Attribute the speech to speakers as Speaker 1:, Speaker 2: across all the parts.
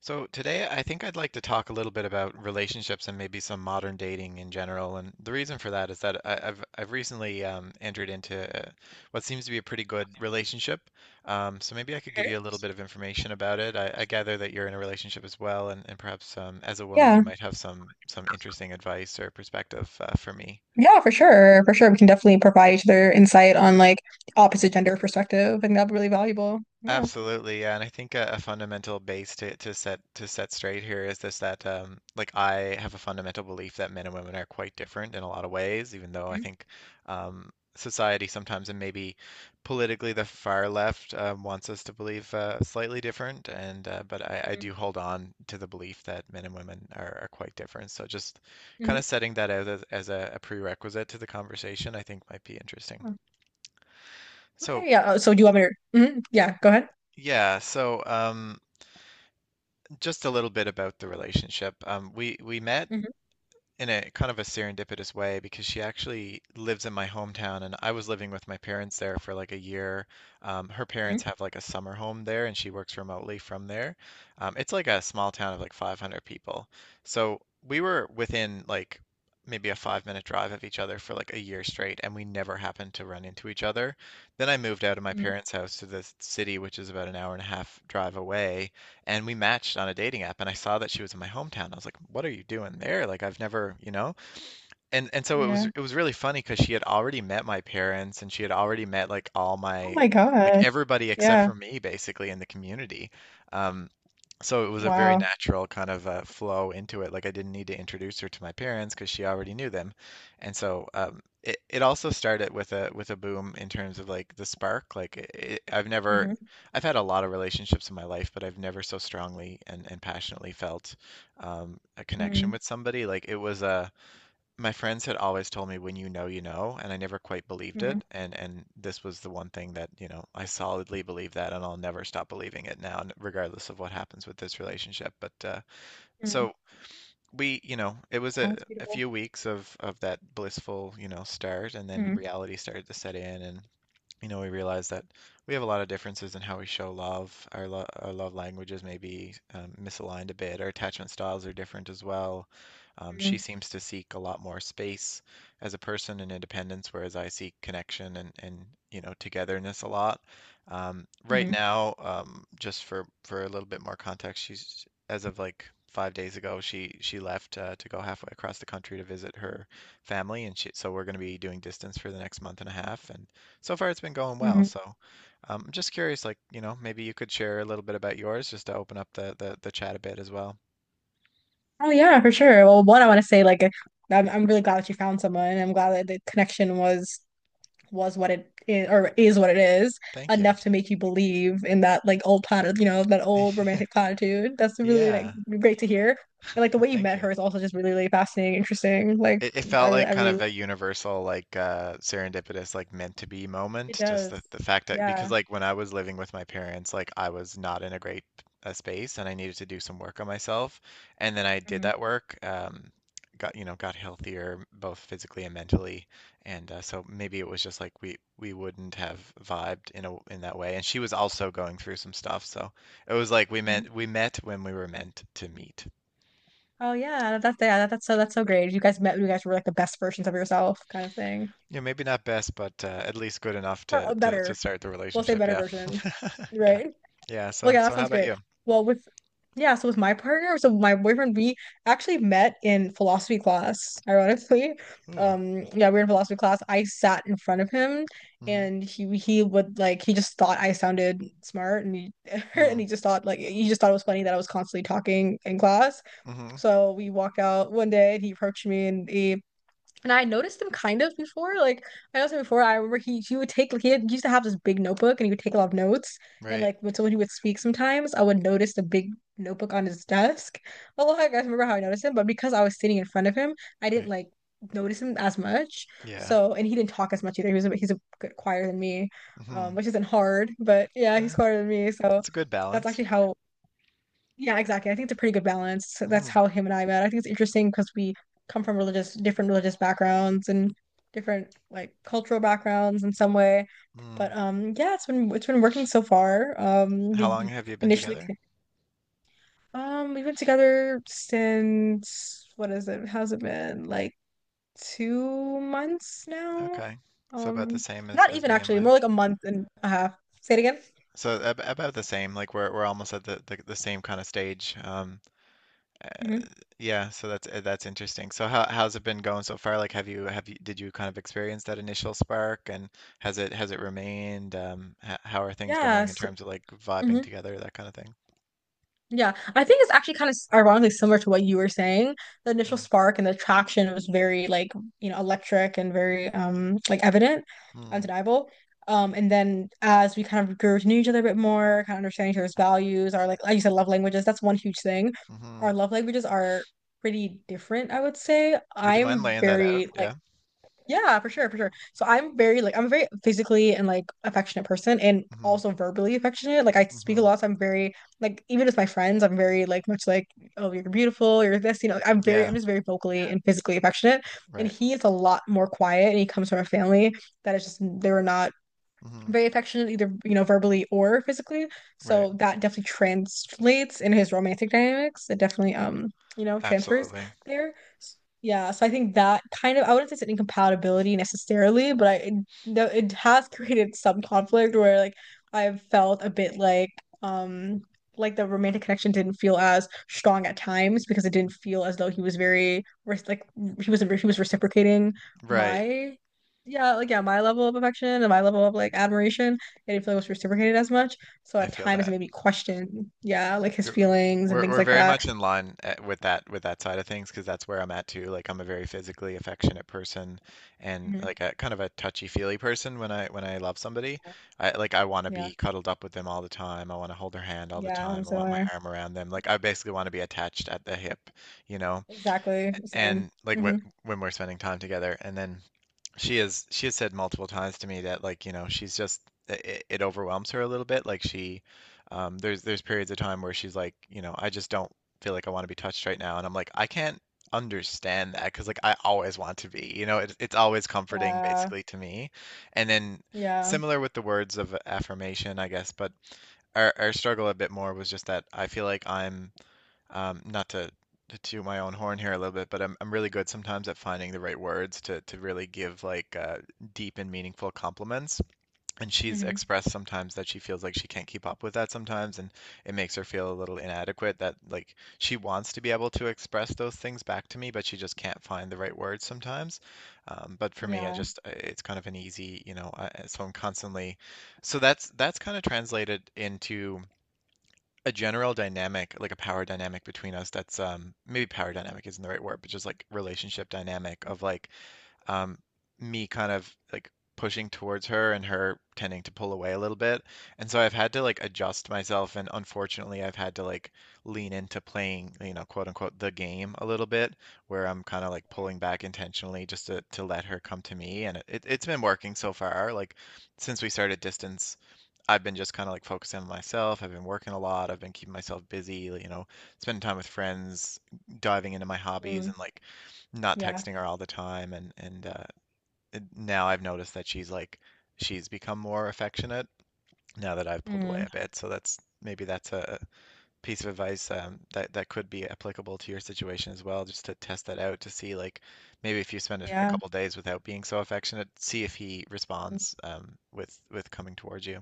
Speaker 1: So today, I think I'd like to talk a little bit about relationships and maybe some modern dating in general. And the reason for that is that I've recently entered into what seems to be a pretty good relationship. So maybe I could give
Speaker 2: Sure.
Speaker 1: you a little bit of information about it. I gather that you're in a relationship as well, and perhaps as a woman, you
Speaker 2: Yeah,
Speaker 1: might have some interesting advice or perspective for me.
Speaker 2: yeah, for sure, for sure. We can definitely provide each other insight on like opposite gender perspective, and that'd be really valuable. Yeah.
Speaker 1: Absolutely, yeah, and I think a fundamental base to set straight here is this that like I have a fundamental belief that men and women are quite different in a lot of ways, even though I think society sometimes and maybe politically the far left wants us to believe slightly different, and but I
Speaker 2: Mm-hmm.
Speaker 1: do hold on to the belief that men and women are quite different. So just kind
Speaker 2: Mm-hmm.
Speaker 1: of setting that out as, as a prerequisite to the conversation, I think might be interesting.
Speaker 2: Yeah.
Speaker 1: So
Speaker 2: Okay. Yeah. So do you want me to? Mhm. Yeah. Go ahead.
Speaker 1: yeah, so just a little bit about the relationship. We met
Speaker 2: Hmm.
Speaker 1: in a kind of a serendipitous way because she actually lives in my hometown, and I was living with my parents there for like a year. Her parents have like a summer home there, and she works remotely from there. It's like a small town of like 500 people, so we were within like maybe a 5 minute drive of each other for like a year straight, and we never happened to run into each other. Then I moved out of my
Speaker 2: Hmm.
Speaker 1: parents' house to the city, which is about an hour and a half drive away and we matched on a dating app and I saw that she was in my hometown. I was like, "What are you doing there? Like I've never, And so
Speaker 2: Yeah.
Speaker 1: it was really funny because she had already met my parents and she had already met like all
Speaker 2: Oh
Speaker 1: my
Speaker 2: my
Speaker 1: like
Speaker 2: God.
Speaker 1: everybody except
Speaker 2: Yeah.
Speaker 1: for me basically in the community. Um, so it was a very
Speaker 2: Wow.
Speaker 1: natural kind of flow into it. Like I didn't need to introduce her to my parents because she already knew them. And so it it also started with a boom in terms of like the spark. Like it, I've never,
Speaker 2: Hmm.
Speaker 1: I've had a lot of relationships in my life, but I've never so strongly and passionately felt a connection
Speaker 2: Hmm.
Speaker 1: with somebody. Like it was a my friends had always told me when you know, and I never quite believed
Speaker 2: Hmm.
Speaker 1: it. And this was the one thing that, you know, I solidly believe that and I'll never stop believing it now, regardless of what happens with this relationship. But uh,
Speaker 2: Hmm.
Speaker 1: so we, you know, it was
Speaker 2: Wow, that's
Speaker 1: a
Speaker 2: beautiful.
Speaker 1: few weeks of that blissful, you know, start and then
Speaker 2: Hmm.
Speaker 1: reality started to set in and you know, we realize that we have a lot of differences in how we show love. Our, lo our love languages may be misaligned a bit. Our attachment styles are different as well. She
Speaker 2: Hmm.
Speaker 1: seems to seek a lot more space as a person and independence, whereas I seek connection and you know, togetherness a lot. Right
Speaker 2: Hmm.
Speaker 1: now, just for a little bit more context, she's as of like 5 days ago, she left to go halfway across the country to visit her family, and she, so we're going to be doing distance for the next month and a half, and so far, it's been going well.
Speaker 2: Hmm.
Speaker 1: So, I'm just curious, like, you know, maybe you could share a little bit about yours just to open up the the chat a bit as well.
Speaker 2: Oh yeah, for sure. Well, one, I want to say like I'm really glad that you found someone. I'm glad that the connection was what it is or is what it is
Speaker 1: Thank you.
Speaker 2: enough to make you believe in that like old platitude, that old romantic platitude. That's really like
Speaker 1: Yeah,
Speaker 2: great to hear. And like the way you
Speaker 1: thank
Speaker 2: met
Speaker 1: you.
Speaker 2: her is also just really, really fascinating, interesting. Like
Speaker 1: It
Speaker 2: I
Speaker 1: felt
Speaker 2: really,
Speaker 1: like
Speaker 2: I
Speaker 1: kind of
Speaker 2: really,
Speaker 1: a universal, like serendipitous, like meant to be
Speaker 2: it
Speaker 1: moment. Just
Speaker 2: does.
Speaker 1: the fact that because
Speaker 2: Yeah.
Speaker 1: like when I was living with my parents, like I was not in a great space and I needed to do some work on myself. And then I did
Speaker 2: Hmm.
Speaker 1: that work, got you know got healthier both physically and mentally. And so maybe it was just like we wouldn't have vibed in a in that way. And she was also going through some stuff, so it was like we
Speaker 2: Hmm.
Speaker 1: meant we met when we were meant to meet.
Speaker 2: Oh yeah, that's yeah, that, that's so great. You guys met, you guys were like the best versions of yourself, kind of thing.
Speaker 1: Yeah, maybe not best, but at least good enough
Speaker 2: Or
Speaker 1: to,
Speaker 2: a
Speaker 1: to
Speaker 2: better,
Speaker 1: start the
Speaker 2: we'll say
Speaker 1: relationship.
Speaker 2: better
Speaker 1: Yeah,
Speaker 2: version,
Speaker 1: yeah,
Speaker 2: right?
Speaker 1: yeah.
Speaker 2: Well,
Speaker 1: So
Speaker 2: yeah, that
Speaker 1: so how
Speaker 2: sounds
Speaker 1: about
Speaker 2: great.
Speaker 1: you?
Speaker 2: Well, with yeah, so with my partner, so my boyfriend, we actually met in philosophy class, ironically.
Speaker 1: Ooh.
Speaker 2: Yeah, we were in philosophy class. I sat in front of him
Speaker 1: Mm-hmm.
Speaker 2: and he would like he just thought I sounded smart and he and he
Speaker 1: Mm,
Speaker 2: just thought like he just thought it was funny that I was constantly talking in class.
Speaker 1: hmm.
Speaker 2: So we walked out one day and he approached me and he and I noticed him kind of before. Like I noticed him before. I remember he would take like he used to have this big notebook and he would take a lot of notes. And
Speaker 1: Right.
Speaker 2: like when someone he would speak sometimes, I would notice the big notebook on his desk. A lot. I guys remember how I noticed him, but because I was sitting in front of him, I didn't
Speaker 1: Right.
Speaker 2: like notice him as much.
Speaker 1: Yeah.
Speaker 2: So and he didn't talk as much either. He's a good quieter than me,
Speaker 1: Mm-hmm.
Speaker 2: which isn't hard, but yeah,
Speaker 1: Eh,
Speaker 2: he's quieter than me. So
Speaker 1: that's a good
Speaker 2: that's
Speaker 1: balance.
Speaker 2: actually how Yeah, exactly. I think it's a pretty good balance. So that's
Speaker 1: Mm-hmm.
Speaker 2: how him and I met. I think it's interesting because we come from religious, different religious backgrounds and different like cultural backgrounds in some way.
Speaker 1: Mm.
Speaker 2: But yeah, it's been working so far.
Speaker 1: How long have you been
Speaker 2: Initially
Speaker 1: together?
Speaker 2: we've been together since what is it? How's it been? Like 2 months now?
Speaker 1: Okay. So about
Speaker 2: Um,
Speaker 1: the same
Speaker 2: not
Speaker 1: as
Speaker 2: even
Speaker 1: me and
Speaker 2: actually,
Speaker 1: my.
Speaker 2: more like a month and a half. Say it again.
Speaker 1: So ab about the same. Like we're almost at the same kind of stage.
Speaker 2: Hmm.
Speaker 1: Yeah, so that's interesting. So how how's it been going so far? Like, have you did you kind of experience that initial spark, and has it remained? H how are things
Speaker 2: Yeah.
Speaker 1: going in
Speaker 2: So,
Speaker 1: terms of like vibing
Speaker 2: mm-hmm.
Speaker 1: together, that kind of thing?
Speaker 2: Yeah, I think it's actually kind of ironically similar to what you were saying. The initial spark and the attraction was very like, electric and very like evident,
Speaker 1: Mm-hmm.
Speaker 2: undeniable. And then as we kind of grew to know each other a bit more, kind of understanding each other's values, our like you said, love languages, that's one huge thing.
Speaker 1: Mm-hmm.
Speaker 2: Our love languages are pretty different, I would say.
Speaker 1: Would you mind
Speaker 2: I'm
Speaker 1: laying that out?
Speaker 2: very like
Speaker 1: Yeah.
Speaker 2: yeah, for sure, for sure. So I'm a very physically and like affectionate person and
Speaker 1: Mm-hmm.
Speaker 2: also verbally affectionate. Like I speak a
Speaker 1: Mm-hmm.
Speaker 2: lot, so I'm very like even with my friends, I'm very like much like, oh, you're beautiful, you're this, I'm very
Speaker 1: Yeah.
Speaker 2: I'm just very vocally and physically affectionate. And
Speaker 1: Right.
Speaker 2: he is a lot more quiet and he comes from a family that is just they were not
Speaker 1: Mm-hmm.
Speaker 2: very affectionate, either, you know, verbally or physically.
Speaker 1: Right.
Speaker 2: So that definitely translates in his romantic dynamics. It definitely, transfers
Speaker 1: Absolutely.
Speaker 2: there. S- Yeah, so I think that kind of, I wouldn't say it's an incompatibility necessarily, but I, it, no, it has created some conflict where like I've felt a bit um, like the romantic connection didn't feel as strong at times because it didn't feel as though he was very, res- like he was reciprocating
Speaker 1: Right.
Speaker 2: my yeah, like yeah, my level of affection and my level of like admiration, I didn't feel it was reciprocated as much. So
Speaker 1: I
Speaker 2: at
Speaker 1: feel
Speaker 2: times it
Speaker 1: that.
Speaker 2: made me question, yeah, like his
Speaker 1: You're-
Speaker 2: feelings and
Speaker 1: We're
Speaker 2: things
Speaker 1: we're
Speaker 2: like
Speaker 1: very
Speaker 2: that.
Speaker 1: much in line at, with that side of things because that's where I'm at too. Like I'm a very physically affectionate person and
Speaker 2: Hmm.
Speaker 1: like a kind of a touchy-feely person when I love somebody. I like I want to
Speaker 2: Yeah,
Speaker 1: be cuddled up with them all the time. I want to hold their hand all the
Speaker 2: yeah, I'm
Speaker 1: time. I want my
Speaker 2: similar.
Speaker 1: arm around them. Like I basically want to be attached at the hip, you know?
Speaker 2: Exactly, same.
Speaker 1: And like wh
Speaker 2: Hmm.
Speaker 1: when we're spending time together and then she has said multiple times to me that like, you know, she's just it, it overwhelms her a little bit. Like she there's periods of time where she's like, you know, I just don't feel like I want to be touched right now. And I'm like, I can't understand that because like I always want to be, you know, it's always comforting
Speaker 2: Yeah,
Speaker 1: basically to me. And then
Speaker 2: yeah.
Speaker 1: similar with the words of affirmation, I guess, but our struggle a bit more was just that I feel like I'm not to, to toot my own horn here a little bit, but I'm really good sometimes at finding the right words to really give like deep and meaningful compliments. And she's
Speaker 2: Hmm.
Speaker 1: expressed sometimes that she feels like she can't keep up with that sometimes, and it makes her feel a little inadequate that like she wants to be able to express those things back to me, but she just can't find the right words sometimes. But for me, I
Speaker 2: Yeah.
Speaker 1: just it's kind of an easy, you know, I, so I'm constantly, so that's kind of translated into a general dynamic, like a power dynamic between us that's maybe power dynamic isn't the right word, but just like relationship dynamic of like um me kind of like pushing towards her and her tending to pull away a little bit. And so I've had to like adjust myself and unfortunately I've had to like lean into playing, you know, quote unquote the game a little bit where I'm kind of like pulling back intentionally just to let her come to me and it, it's been working so far. Like since we started distance I've been just kind of like focusing on myself. I've been working a lot. I've been keeping myself busy, like, you know, spending time with friends, diving into my hobbies
Speaker 2: Mm.
Speaker 1: and like not
Speaker 2: Yeah.
Speaker 1: texting her all the time. And now I've noticed that she's like she's become more affectionate now that I've pulled away
Speaker 2: Mm.
Speaker 1: a bit. So that's maybe that's a piece of advice that that could be applicable to your situation as well, just to test that out to see like maybe if you spend a
Speaker 2: Yeah.
Speaker 1: couple days without being so affectionate, see if he responds with coming towards you.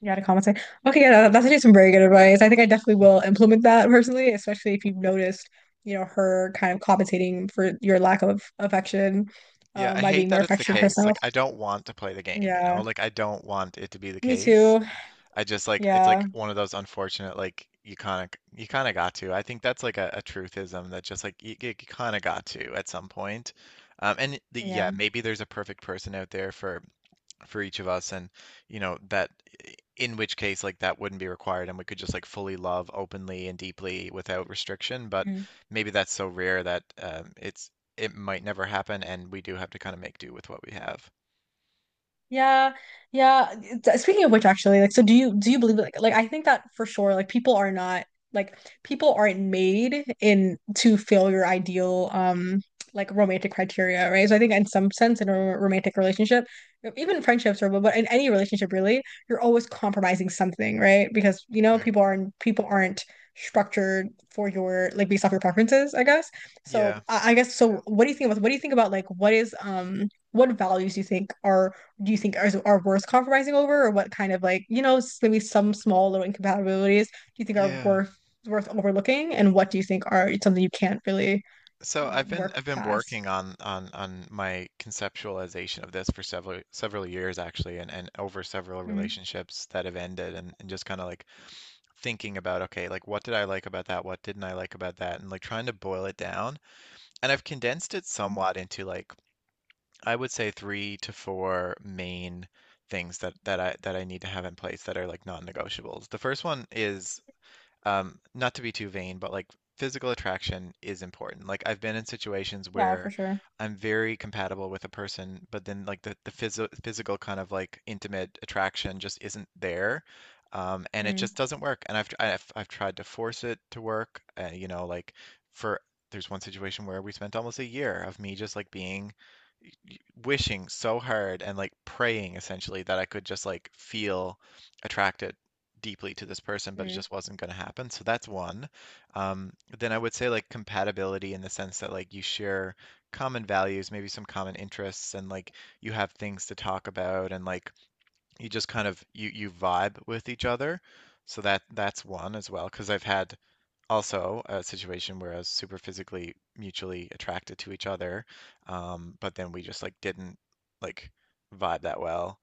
Speaker 2: Yeah, to compensate. Okay, yeah, that- that's actually some very good advice. I think I definitely will implement that personally, especially if you've noticed, you know, her kind of compensating for your lack of affection,
Speaker 1: Yeah, I
Speaker 2: by
Speaker 1: hate
Speaker 2: being more
Speaker 1: that it's the
Speaker 2: affectionate
Speaker 1: case.
Speaker 2: herself.
Speaker 1: Like, I don't want to play the game, you know?
Speaker 2: Yeah,
Speaker 1: Like, I don't want it to be the
Speaker 2: me
Speaker 1: case.
Speaker 2: too.
Speaker 1: I just like it's
Speaker 2: Yeah,
Speaker 1: like one of those unfortunate like you kind of got to. I think that's like a truthism that just like you kind of got to at some point.
Speaker 2: yeah.
Speaker 1: Maybe there's a perfect person out there for each of us and you know that in which case like that wouldn't be required and we could just like fully love openly and deeply without restriction, but maybe that's so rare that it's it might never happen, and we do have to kind of make do with what we have.
Speaker 2: Yeah, yeah. Th- Speaking of which, actually, like, so do you believe like I think that for sure, like people are not like people aren't made in to fill your ideal like romantic criteria, right? So I think in some sense, in a ro- romantic relationship, e-, even friendships or but in any relationship really, you're always compromising something, right? Because
Speaker 1: Right.
Speaker 2: people aren't structured for your like based off your preferences, I guess.
Speaker 1: Yeah,
Speaker 2: So I guess so. What do you think about what do you think about like what is what values do you think are do you think are worth compromising over, or what kind of like, s- maybe some small little incompatibilities do you think are
Speaker 1: yeah.
Speaker 2: worth worth overlooking, and what do you think are something you can't really
Speaker 1: so I've been
Speaker 2: work
Speaker 1: I've been
Speaker 2: past?
Speaker 1: working on my conceptualization of this for several years, actually, and over several
Speaker 2: Hmm.
Speaker 1: relationships that have ended, and just kind of like thinking about, okay, like what did I like about that? What didn't I like about that? And like trying to boil it down. And I've condensed it somewhat into like I would say three to four main things that I need to have in place that are like non-negotiables. The first one is, not to be too vain, but like physical attraction is important. Like I've been in situations
Speaker 2: Yeah, for
Speaker 1: where
Speaker 2: sure.
Speaker 1: I'm very compatible with a person, but then like the physical kind of like intimate attraction just isn't there. And it just
Speaker 2: Mm-hmm.
Speaker 1: doesn't work. And I've tried to force it to work. You know, like for there's one situation where we spent almost a year of me just like being y- wishing so hard and like praying essentially that I could just like feel attracted deeply to this person, but it
Speaker 2: Yeah.
Speaker 1: just wasn't going to happen. So that's one. Um, then I would say like compatibility in the sense that like you share common values, maybe some common interests, and like you have things to talk about, and like you just kind of you vibe with each other. So that that's one as well, because I've had also a situation where I was super physically mutually attracted to each other, but then we just like didn't like vibe that well.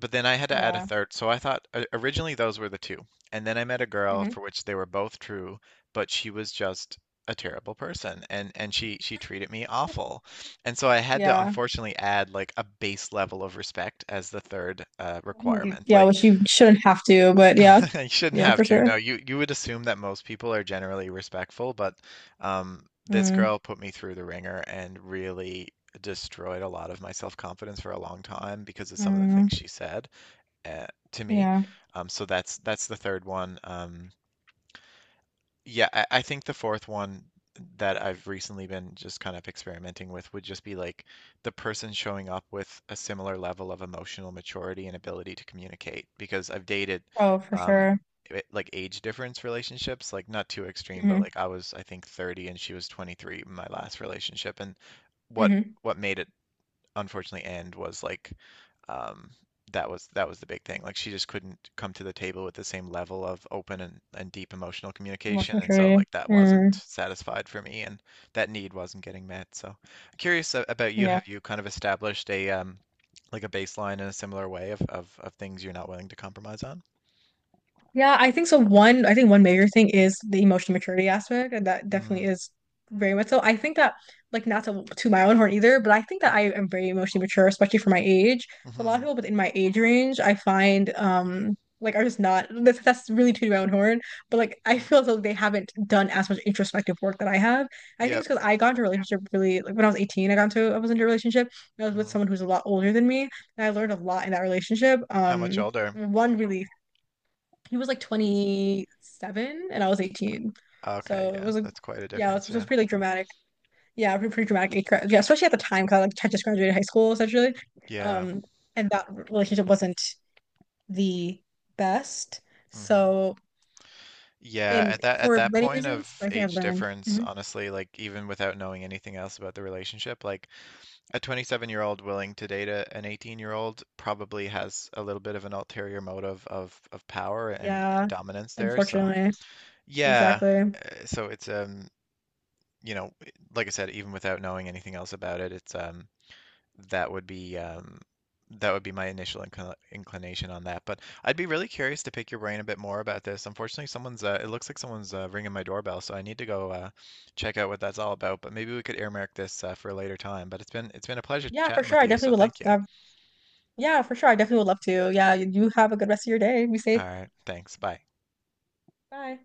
Speaker 1: But then I had to add a third. So I thought originally those were the two. And then I met a girl
Speaker 2: Hmm.
Speaker 1: for which they were both true, but she was just a terrible person, and she treated me awful. And so I had to
Speaker 2: Yeah.
Speaker 1: unfortunately add like a base level of respect as the third
Speaker 2: Mhm.
Speaker 1: requirement.
Speaker 2: Yeah,
Speaker 1: Like,
Speaker 2: which you shouldn't have to, but yeah.
Speaker 1: you shouldn't
Speaker 2: Yeah,
Speaker 1: have
Speaker 2: for
Speaker 1: to.
Speaker 2: sure.
Speaker 1: No, you would assume that most people are generally respectful, but um this
Speaker 2: Mm.
Speaker 1: girl put me through the ringer and really destroyed a lot of my self-confidence for a long time because of some of the things
Speaker 2: Mm.
Speaker 1: she said uh, to me.
Speaker 2: Yeah.
Speaker 1: So that's the third one. Yeah, I think the fourth one that I've recently been just kind of experimenting with would just be like the person showing up with a similar level of emotional maturity and ability to communicate, because I've dated
Speaker 2: Oh, for
Speaker 1: um,
Speaker 2: sure.
Speaker 1: like age difference relationships, like not too extreme, but
Speaker 2: Mm-hmm.
Speaker 1: like I was I think 30 and she was 23 in my last relationship. And what
Speaker 2: Mm-hmm.
Speaker 1: what made it unfortunately end was like um that was the big thing. Like she just couldn't come to the table with the same level of open and deep emotional communication.
Speaker 2: Emotional
Speaker 1: And so
Speaker 2: maturity.
Speaker 1: like that wasn't
Speaker 2: Mm.
Speaker 1: satisfied for me, and that need wasn't getting met. So I'm curious about you.
Speaker 2: Yeah.
Speaker 1: Have you kind of established a like a baseline in a similar way of of things you're not willing to compromise on?
Speaker 2: Yeah, I think so. One, I think one major thing is the emotional maturity aspect, and that definitely
Speaker 1: Mm,
Speaker 2: is very much so. I think that, like, not to to my own horn either, but I think that
Speaker 1: mm,
Speaker 2: I am very emotionally mature, especially for my age. So a lot of
Speaker 1: mhm,
Speaker 2: people within my age range, I find, like, are just not. That's really to my own horn, but like, I
Speaker 1: mm,
Speaker 2: feel as though they haven't done as much introspective work that I have. I think
Speaker 1: yep.
Speaker 2: it's because I got into a relationship really like when I was 18. I was into a relationship. And I was with
Speaker 1: Mhm.
Speaker 2: someone who's a lot older than me, and I learned a lot in that relationship.
Speaker 1: How much
Speaker 2: Um,
Speaker 1: older?
Speaker 2: one really he was like 27 and I was
Speaker 1: Uh,
Speaker 2: 18.
Speaker 1: Okay,
Speaker 2: So it
Speaker 1: yeah.
Speaker 2: was like,
Speaker 1: That's quite a
Speaker 2: yeah,
Speaker 1: difference,
Speaker 2: it was
Speaker 1: yeah.
Speaker 2: pretty like dramatic. Yeah, pretty, pretty dramatic. Age gra- Yeah, especially at the time because I like I just graduated high school essentially.
Speaker 1: Yeah.
Speaker 2: Um, and that relationship wasn't the best.
Speaker 1: Mhm.
Speaker 2: So,
Speaker 1: Yeah,
Speaker 2: and
Speaker 1: at
Speaker 2: for
Speaker 1: that
Speaker 2: many
Speaker 1: point
Speaker 2: reasons,
Speaker 1: of
Speaker 2: I think I've
Speaker 1: age
Speaker 2: learned.
Speaker 1: difference,
Speaker 2: Mhm.
Speaker 1: honestly, like even without knowing anything else about the relationship, like a 27-year-old willing to date a, an 18-year-old probably has a little bit of an ulterior motive of power and
Speaker 2: Yeah,
Speaker 1: dominance there. So,
Speaker 2: unfortunately.
Speaker 1: yeah,
Speaker 2: Exactly.
Speaker 1: so it's you know, like I said, even without knowing anything else about it, it's that would be um, that would be my initial inclination on that. But I'd be really curious to pick your brain a bit more about this. Unfortunately, someone's it looks like someone's ringing my doorbell, so I need to go check out what that's all about. But maybe we could earmark this for a later time. But it's been a pleasure
Speaker 2: Yeah, for
Speaker 1: chatting
Speaker 2: sure.
Speaker 1: with
Speaker 2: I
Speaker 1: you, so
Speaker 2: definitely would love
Speaker 1: thank you.
Speaker 2: to have, yeah, for sure. I definitely would love to. Yeah, you have a good rest of your day. Be safe.
Speaker 1: All right, thanks. Bye.
Speaker 2: Bye.